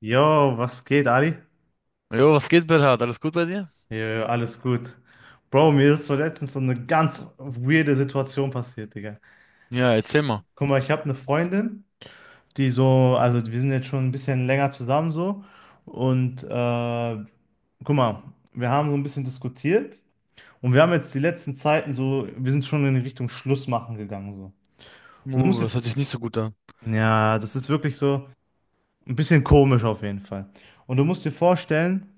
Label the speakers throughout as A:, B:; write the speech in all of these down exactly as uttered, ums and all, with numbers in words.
A: Yo, was geht, Ali?
B: Jo, was geht, Bernhard? Alles gut bei dir?
A: Ja, alles gut. Bro, mir ist so letztens so eine ganz weirde Situation passiert, Digga.
B: Ja, erzähl mal.
A: Guck mal, ich habe eine Freundin, die so, also wir sind jetzt schon ein bisschen länger zusammen so. Und äh, Guck mal, wir haben so ein bisschen diskutiert und wir haben jetzt die letzten Zeiten so, wir sind schon in die Richtung Schluss machen gegangen so. Und du musst
B: Uh,
A: dir,
B: das hört sich nicht so gut an.
A: ja, das ist wirklich so ein bisschen komisch auf jeden Fall. Und du musst dir vorstellen,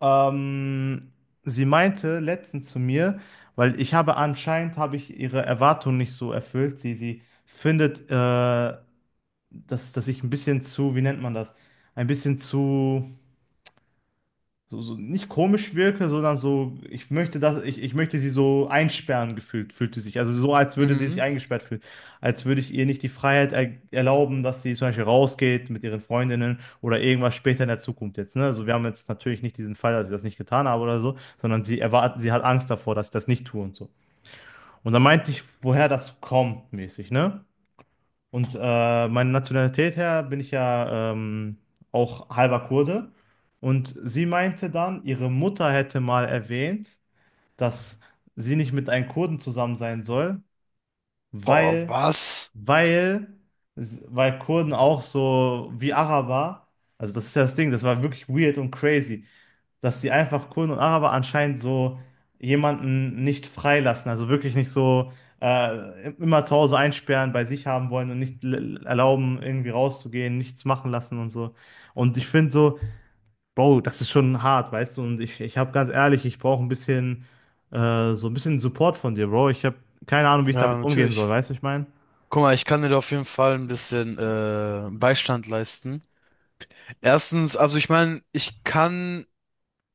A: Ähm, sie meinte letztens zu mir, weil ich habe anscheinend habe ich ihre Erwartungen nicht so erfüllt. Sie, sie findet, äh, dass, dass ich ein bisschen zu, wie nennt man das? Ein bisschen zu so, so nicht komisch wirke, sondern so, ich möchte das, ich, ich möchte sie so einsperren gefühlt, fühlt sie sich. Also so, als würde sie sich
B: Mhm.
A: eingesperrt fühlen. Als würde ich ihr nicht die Freiheit er erlauben, dass sie zum Beispiel rausgeht mit ihren Freundinnen oder irgendwas später in der Zukunft jetzt. Ne? Also wir haben jetzt natürlich nicht diesen Fall, dass ich das nicht getan habe oder so, sondern sie erwartet, sie hat Angst davor, dass ich das nicht tue und so. Und dann meinte ich, woher das kommt, mäßig, ne? Und äh, meine Nationalität her bin ich ja ähm, auch halber Kurde. Und sie meinte dann, ihre Mutter hätte mal erwähnt, dass sie nicht mit einem Kurden zusammen sein soll,
B: Boah,
A: weil,
B: was?
A: weil, weil Kurden auch so wie Araber, also das ist ja das Ding, das war wirklich weird und crazy, dass sie einfach Kurden und Araber anscheinend so jemanden nicht freilassen, also wirklich nicht so äh, immer zu Hause einsperren, bei sich haben wollen und nicht l- erlauben, irgendwie rauszugehen, nichts machen lassen und so. Und ich finde so, Bro, das ist schon hart, weißt du? Und ich, ich habe ganz ehrlich, ich brauche ein bisschen, äh, so ein bisschen Support von dir, Bro. Ich habe keine Ahnung, wie ich
B: Ja,
A: damit umgehen soll,
B: natürlich.
A: weißt du, was ich meine?
B: Guck mal, ich kann dir da auf jeden Fall ein bisschen äh, Beistand leisten. Erstens, also ich meine, ich kann,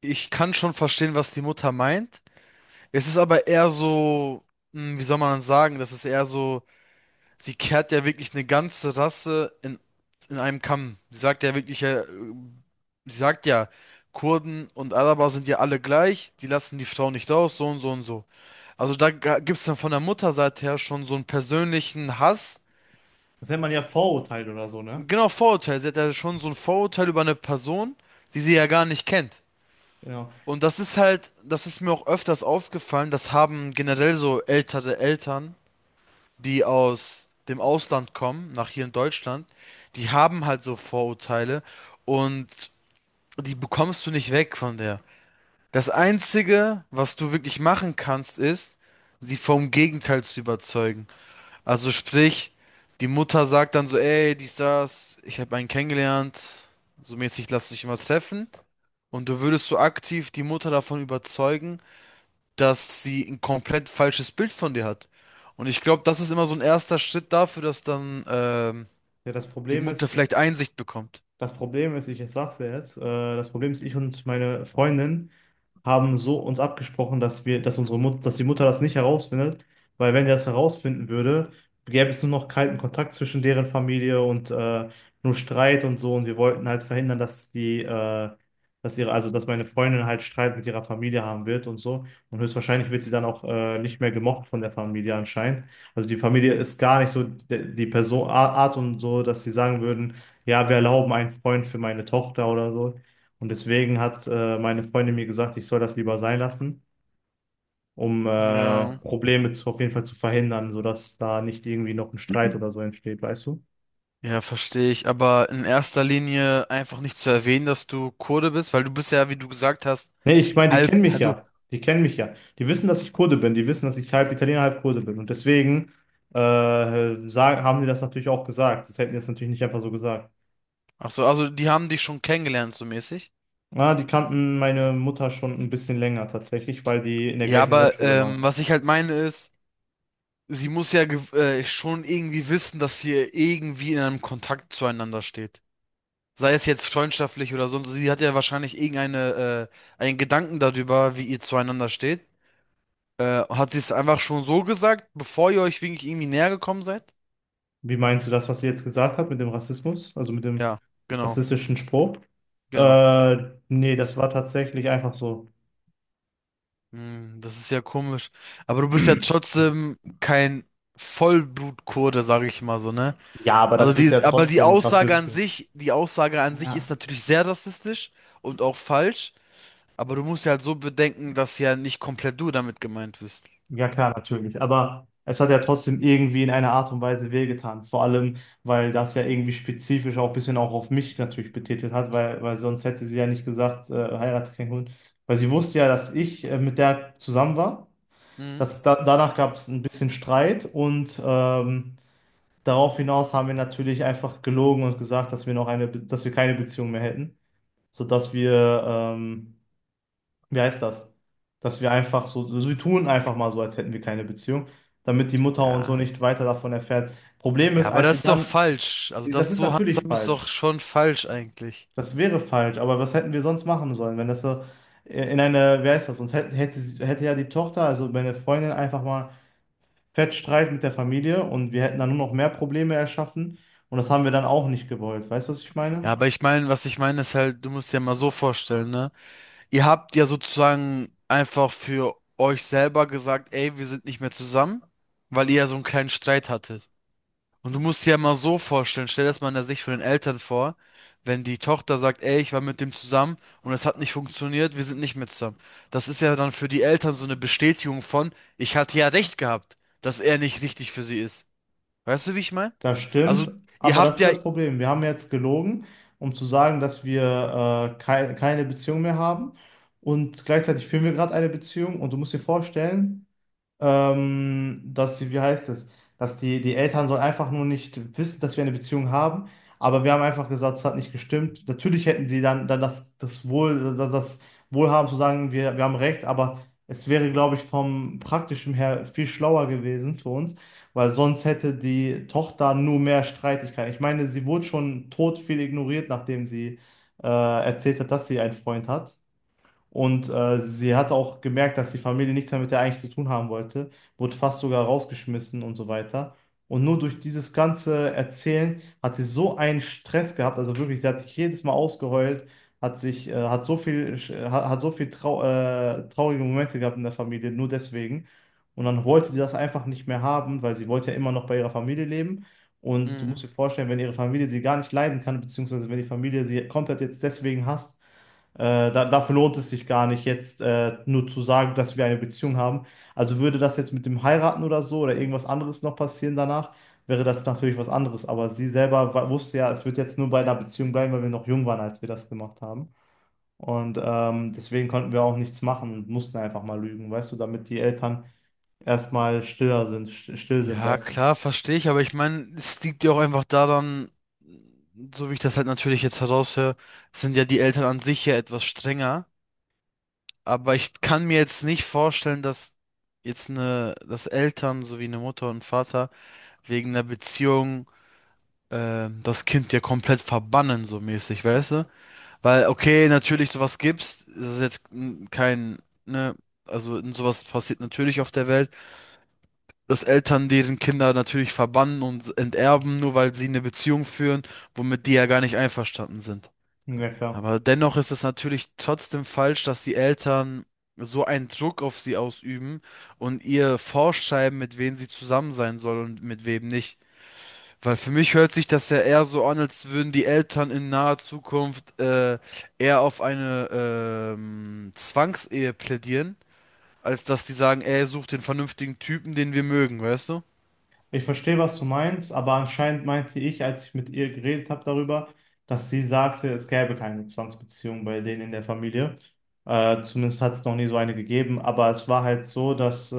B: ich kann schon verstehen, was die Mutter meint. Es ist aber eher so, hm, wie soll man sagen, das ist eher so, sie kehrt ja wirklich eine ganze Rasse in, in einem Kamm. Sie sagt ja wirklich, äh, Sie sagt ja, Kurden und Araber sind ja alle gleich, die lassen die Frau nicht raus, so und so und so. Also da gibt es dann von der Mutterseite her schon so einen persönlichen Hass.
A: Das nennt man ja Vorurteil oder so, ne?
B: Genau, Vorurteil. Sie hat ja schon so ein Vorurteil über eine Person, die sie ja gar nicht kennt.
A: Genau.
B: Und das ist halt, das ist mir auch öfters aufgefallen, das haben generell so ältere Eltern, die aus dem Ausland kommen, nach hier in Deutschland, die haben halt so Vorurteile und die bekommst du nicht weg von der. Das Einzige, was du wirklich machen kannst, ist, sie vom Gegenteil zu überzeugen. Also sprich, die Mutter sagt dann so, ey, dies, das, ich habe einen kennengelernt, so mäßig lass dich immer treffen. Und du würdest so aktiv die Mutter davon überzeugen, dass sie ein komplett falsches Bild von dir hat. Und ich glaube, das ist immer so ein erster Schritt dafür, dass dann ähm,
A: Ja, das
B: die
A: Problem
B: Mutter
A: ist.
B: vielleicht Einsicht bekommt.
A: Das Problem ist, ich, ich sag's dir jetzt, äh, das Problem ist, ich und meine Freundin haben so uns abgesprochen, dass wir, dass unsere Mut, dass die Mutter das nicht herausfindet, weil wenn die das herausfinden würde, gäbe es nur noch kalten Kontakt zwischen deren Familie und äh, nur Streit und so. Und wir wollten halt verhindern, dass die, äh, dass ihre, also dass meine Freundin halt Streit mit ihrer Familie haben wird und so. Und höchstwahrscheinlich wird sie dann auch äh, nicht mehr gemocht von der Familie anscheinend. Also die Familie ist gar nicht so die, die Person, Art und so, dass sie sagen würden, ja, wir erlauben einen Freund für meine Tochter oder so. Und deswegen hat äh, meine Freundin mir gesagt, ich soll das lieber sein lassen, um äh,
B: Ja.
A: Probleme zu, auf jeden Fall zu verhindern, sodass da nicht irgendwie noch ein Streit oder so entsteht, weißt du?
B: Ja, verstehe ich. Aber in erster Linie einfach nicht zu erwähnen, dass du Kurde bist, weil du bist ja, wie du gesagt hast,
A: Nee, ich meine, die
B: halb
A: kennen mich
B: Padu.
A: ja. Die kennen mich ja. Die wissen, dass ich Kurde bin. Die wissen, dass ich halb Italiener, halb Kurde bin. Und deswegen äh, sagen, haben die das natürlich auch gesagt. Das hätten die das natürlich nicht einfach so gesagt.
B: Ach so, also die haben dich schon kennengelernt, so mäßig.
A: Na, die kannten meine Mutter schon ein bisschen länger tatsächlich, weil die in der
B: Ja,
A: gleichen
B: aber
A: Grundschule
B: ähm,
A: waren.
B: was ich halt meine ist, sie muss ja gew- äh, schon irgendwie wissen, dass sie irgendwie in einem Kontakt zueinander steht. Sei es jetzt freundschaftlich oder sonst. Sie hat ja wahrscheinlich irgendeine, äh, einen Gedanken darüber, wie ihr zueinander steht. Äh, hat sie es einfach schon so gesagt, bevor ihr euch wirklich irgendwie näher gekommen seid?
A: Wie meinst du das, was sie jetzt gesagt hat mit dem Rassismus, also mit dem
B: Ja, genau,
A: rassistischen Spruch?
B: genau.
A: Äh, Nee, das war tatsächlich einfach so.
B: Hm, das ist ja komisch. Aber du bist ja trotzdem kein Vollblutkurde, sage ich mal so, ne?
A: Ja, aber
B: Also
A: das ist ja
B: die, aber die
A: trotzdem
B: Aussage an
A: rassistisch.
B: sich, die Aussage an sich
A: Ja,
B: ist natürlich sehr rassistisch und auch falsch. Aber du musst ja halt so bedenken, dass ja nicht komplett du damit gemeint bist.
A: ja klar, natürlich. Aber es hat ja trotzdem irgendwie in einer Art und Weise wehgetan. Vor allem, weil das ja irgendwie spezifisch auch ein bisschen auch auf mich natürlich betitelt hat, weil, weil sonst hätte sie ja nicht gesagt, äh, heirate keinen Hund. Weil sie wusste ja, dass ich äh, mit der zusammen war.
B: Hm?
A: Das, da, danach gab es ein bisschen Streit und ähm, darauf hinaus haben wir natürlich einfach gelogen und gesagt, dass wir noch eine, Be- dass wir keine Beziehung mehr hätten, sodass wir, ähm, wie heißt das? Dass wir einfach so, so, wir tun einfach mal so, als hätten wir keine Beziehung, damit die Mutter und so
B: Ja.
A: nicht weiter davon erfährt. Problem
B: Ja,
A: ist,
B: aber
A: als sie
B: das ist doch
A: dann,
B: falsch. Also
A: das
B: das
A: ist
B: so
A: natürlich
B: handzahm ist doch
A: falsch,
B: schon falsch eigentlich.
A: das wäre falsch, aber was hätten wir sonst machen sollen, wenn das so äh, in eine, wie heißt das? Sonst hätte, hätte, sie- hätte ja die Tochter, also meine Freundin einfach mal Fettstreit mit der Familie und wir hätten dann nur noch mehr Probleme erschaffen und das haben wir dann auch nicht gewollt. Weißt du, was ich
B: Ja,
A: meine?
B: aber ich meine, was ich meine ist halt, du musst dir mal so vorstellen, ne? Ihr habt ja sozusagen einfach für euch selber gesagt, ey, wir sind nicht mehr zusammen, weil ihr ja so einen kleinen Streit hattet. Und du musst dir ja mal so vorstellen, stell das mal in der Sicht von den Eltern vor, wenn die Tochter sagt, ey, ich war mit dem zusammen und es hat nicht funktioniert, wir sind nicht mehr zusammen. Das ist ja dann für die Eltern so eine Bestätigung von, ich hatte ja recht gehabt, dass er nicht richtig für sie ist. Weißt du, wie ich meine?
A: Das
B: Also,
A: stimmt,
B: ihr
A: aber das
B: habt
A: ist
B: ja...
A: das Problem. Wir haben jetzt gelogen, um zu sagen, dass wir äh, kei- keine Beziehung mehr haben und gleichzeitig führen wir gerade eine Beziehung und du musst dir vorstellen, ähm, dass sie, wie heißt es, dass die, die Eltern sollen einfach nur nicht wissen, dass wir eine Beziehung haben, aber wir haben einfach gesagt, es hat nicht gestimmt. Natürlich hätten sie dann, dann das, das Wohl, das, das Wohlhaben zu sagen, wir, wir haben recht, aber es wäre, glaube ich, vom Praktischen her viel schlauer gewesen für uns, weil sonst hätte die Tochter nur mehr Streitigkeiten. Ich meine, sie wurde schon tot viel ignoriert, nachdem sie äh, erzählt hat, dass sie einen Freund hat. Und äh, sie hat auch gemerkt, dass die Familie nichts mehr mit ihr eigentlich zu tun haben wollte, wurde fast sogar rausgeschmissen und so weiter. Und nur durch dieses ganze Erzählen hat sie so einen Stress gehabt, also wirklich, sie hat sich jedes Mal ausgeheult, hat sich, äh, hat so viel, äh, hat, hat so viel trau äh, traurige Momente gehabt in der Familie, nur deswegen. Und dann wollte sie das einfach nicht mehr haben, weil sie wollte ja immer noch bei ihrer Familie leben. Und du
B: Mhm.
A: musst dir vorstellen, wenn ihre Familie sie gar nicht leiden kann, beziehungsweise wenn die Familie sie komplett jetzt deswegen hasst, äh, da, dafür lohnt es sich gar nicht, jetzt äh, nur zu sagen, dass wir eine Beziehung haben. Also würde das jetzt mit dem Heiraten oder so oder irgendwas anderes noch passieren danach, wäre das natürlich was anderes. Aber sie selber wa- wusste ja, es wird jetzt nur bei einer Beziehung bleiben, weil wir noch jung waren, als wir das gemacht haben. Und ähm, deswegen konnten wir auch nichts machen und mussten einfach mal lügen, weißt du, damit die Eltern erstmal stiller sind, st- still sind,
B: Ja,
A: weißt du.
B: klar, verstehe ich, aber ich meine, es liegt ja auch einfach daran, so wie ich das halt natürlich jetzt heraushöre, sind ja die Eltern an sich ja etwas strenger, aber ich kann mir jetzt nicht vorstellen, dass jetzt eine, dass Eltern sowie eine Mutter und Vater wegen einer Beziehung äh, das Kind ja komplett verbannen, so mäßig, weißt du? Weil, okay, natürlich sowas gibt's, das ist jetzt mm, kein, ne, also sowas passiert natürlich auf der Welt. Dass Eltern deren Kinder natürlich verbannen und enterben, nur weil sie eine Beziehung führen, womit die ja gar nicht einverstanden sind.
A: Ja, klar.
B: Aber dennoch ist es natürlich trotzdem falsch, dass die Eltern so einen Druck auf sie ausüben und ihr vorschreiben, mit wem sie zusammen sein soll und mit wem nicht. Weil für mich hört sich das ja eher so an, als würden die Eltern in naher Zukunft äh, eher auf eine ähm, Zwangsehe plädieren, als dass die sagen, ey, such den vernünftigen Typen, den wir mögen, weißt du?
A: Ich verstehe, was du meinst, aber anscheinend meinte ich, als ich mit ihr geredet habe darüber, dass sie sagte, es gäbe keine Zwangsbeziehung bei denen in der Familie. Äh, zumindest hat es noch nie so eine gegeben, aber es war halt so, dass äh,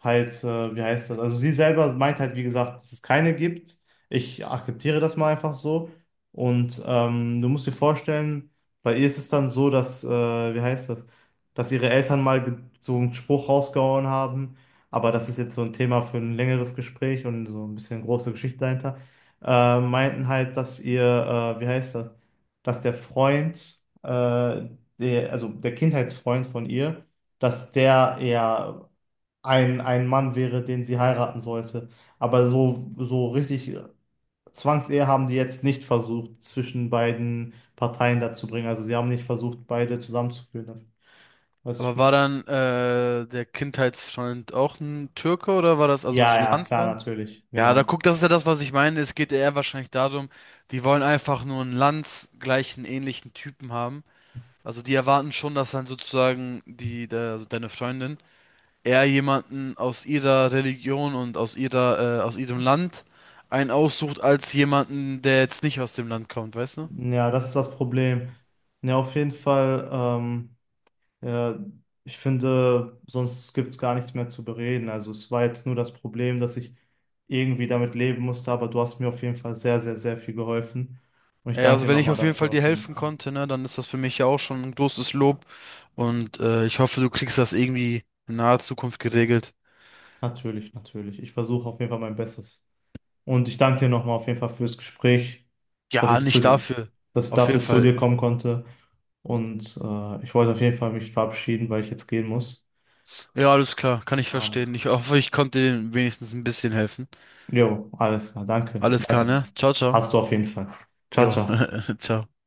A: halt, äh, wie heißt das? Also sie selber meint halt, wie gesagt, dass es keine gibt. Ich akzeptiere das mal einfach so. Und ähm, du musst dir vorstellen, bei ihr ist es dann so, dass, äh, wie heißt das, dass ihre Eltern mal ge- so einen Spruch rausgehauen haben. Aber das ist jetzt so ein Thema für ein längeres Gespräch und so ein bisschen große Geschichte dahinter. Äh, meinten halt, dass ihr, äh, wie heißt das, dass der Freund, äh, der, also der Kindheitsfreund von ihr, dass der eher ein, ein Mann wäre, den sie heiraten sollte. Aber so, so richtig Zwangsehe haben die jetzt nicht versucht, zwischen beiden Parteien dazu bringen. Also sie haben nicht versucht, beide zusammenzuführen. Weißt du, was ich
B: Aber war
A: meine?
B: dann äh, der Kindheitsfreund auch ein Türke oder war das also
A: Ja,
B: so ein
A: ja, klar,
B: Landsmann?
A: natürlich,
B: Ja, da
A: genau.
B: guck, das ist ja das, was ich meine. Es geht eher wahrscheinlich darum, die wollen einfach nur einen landsgleichen, ähnlichen Typen haben. Also die erwarten schon, dass dann sozusagen die, der, also deine Freundin eher jemanden aus ihrer Religion und aus ihrer, äh, aus ihrem Land einen aussucht, als jemanden, der jetzt nicht aus dem Land kommt, weißt du?
A: Ja, das ist das Problem. Ja, auf jeden Fall, ähm, ja, ich finde, sonst gibt es gar nichts mehr zu bereden. Also es war jetzt nur das Problem, dass ich irgendwie damit leben musste, aber du hast mir auf jeden Fall sehr, sehr, sehr viel geholfen. Und ich
B: Ja,
A: danke
B: also
A: dir
B: wenn ich
A: nochmal
B: auf jeden
A: dafür
B: Fall dir
A: auf jeden
B: helfen
A: Fall.
B: konnte, ne, dann ist das für mich ja auch schon ein großes Lob und äh, ich hoffe, du kriegst das irgendwie in naher Zukunft geregelt.
A: Natürlich, natürlich. Ich versuche auf jeden Fall mein Bestes. Und ich danke dir nochmal auf jeden Fall fürs Gespräch, dass
B: Ja,
A: ich zu
B: nicht
A: dir,
B: dafür.
A: dass ich
B: Auf jeden
A: dafür zu
B: Fall.
A: dir kommen konnte. Und äh, ich wollte auf jeden Fall mich verabschieden, weil ich jetzt gehen muss.
B: Ja, alles klar, kann ich verstehen.
A: Ah,
B: Ich hoffe, ich konnte dir wenigstens ein bisschen helfen.
A: jo, alles klar. Danke.
B: Alles klar,
A: Danke.
B: ne? Ciao, ciao.
A: Hast du auf jeden Fall. Ciao,
B: Jo,
A: ciao.
B: ciao.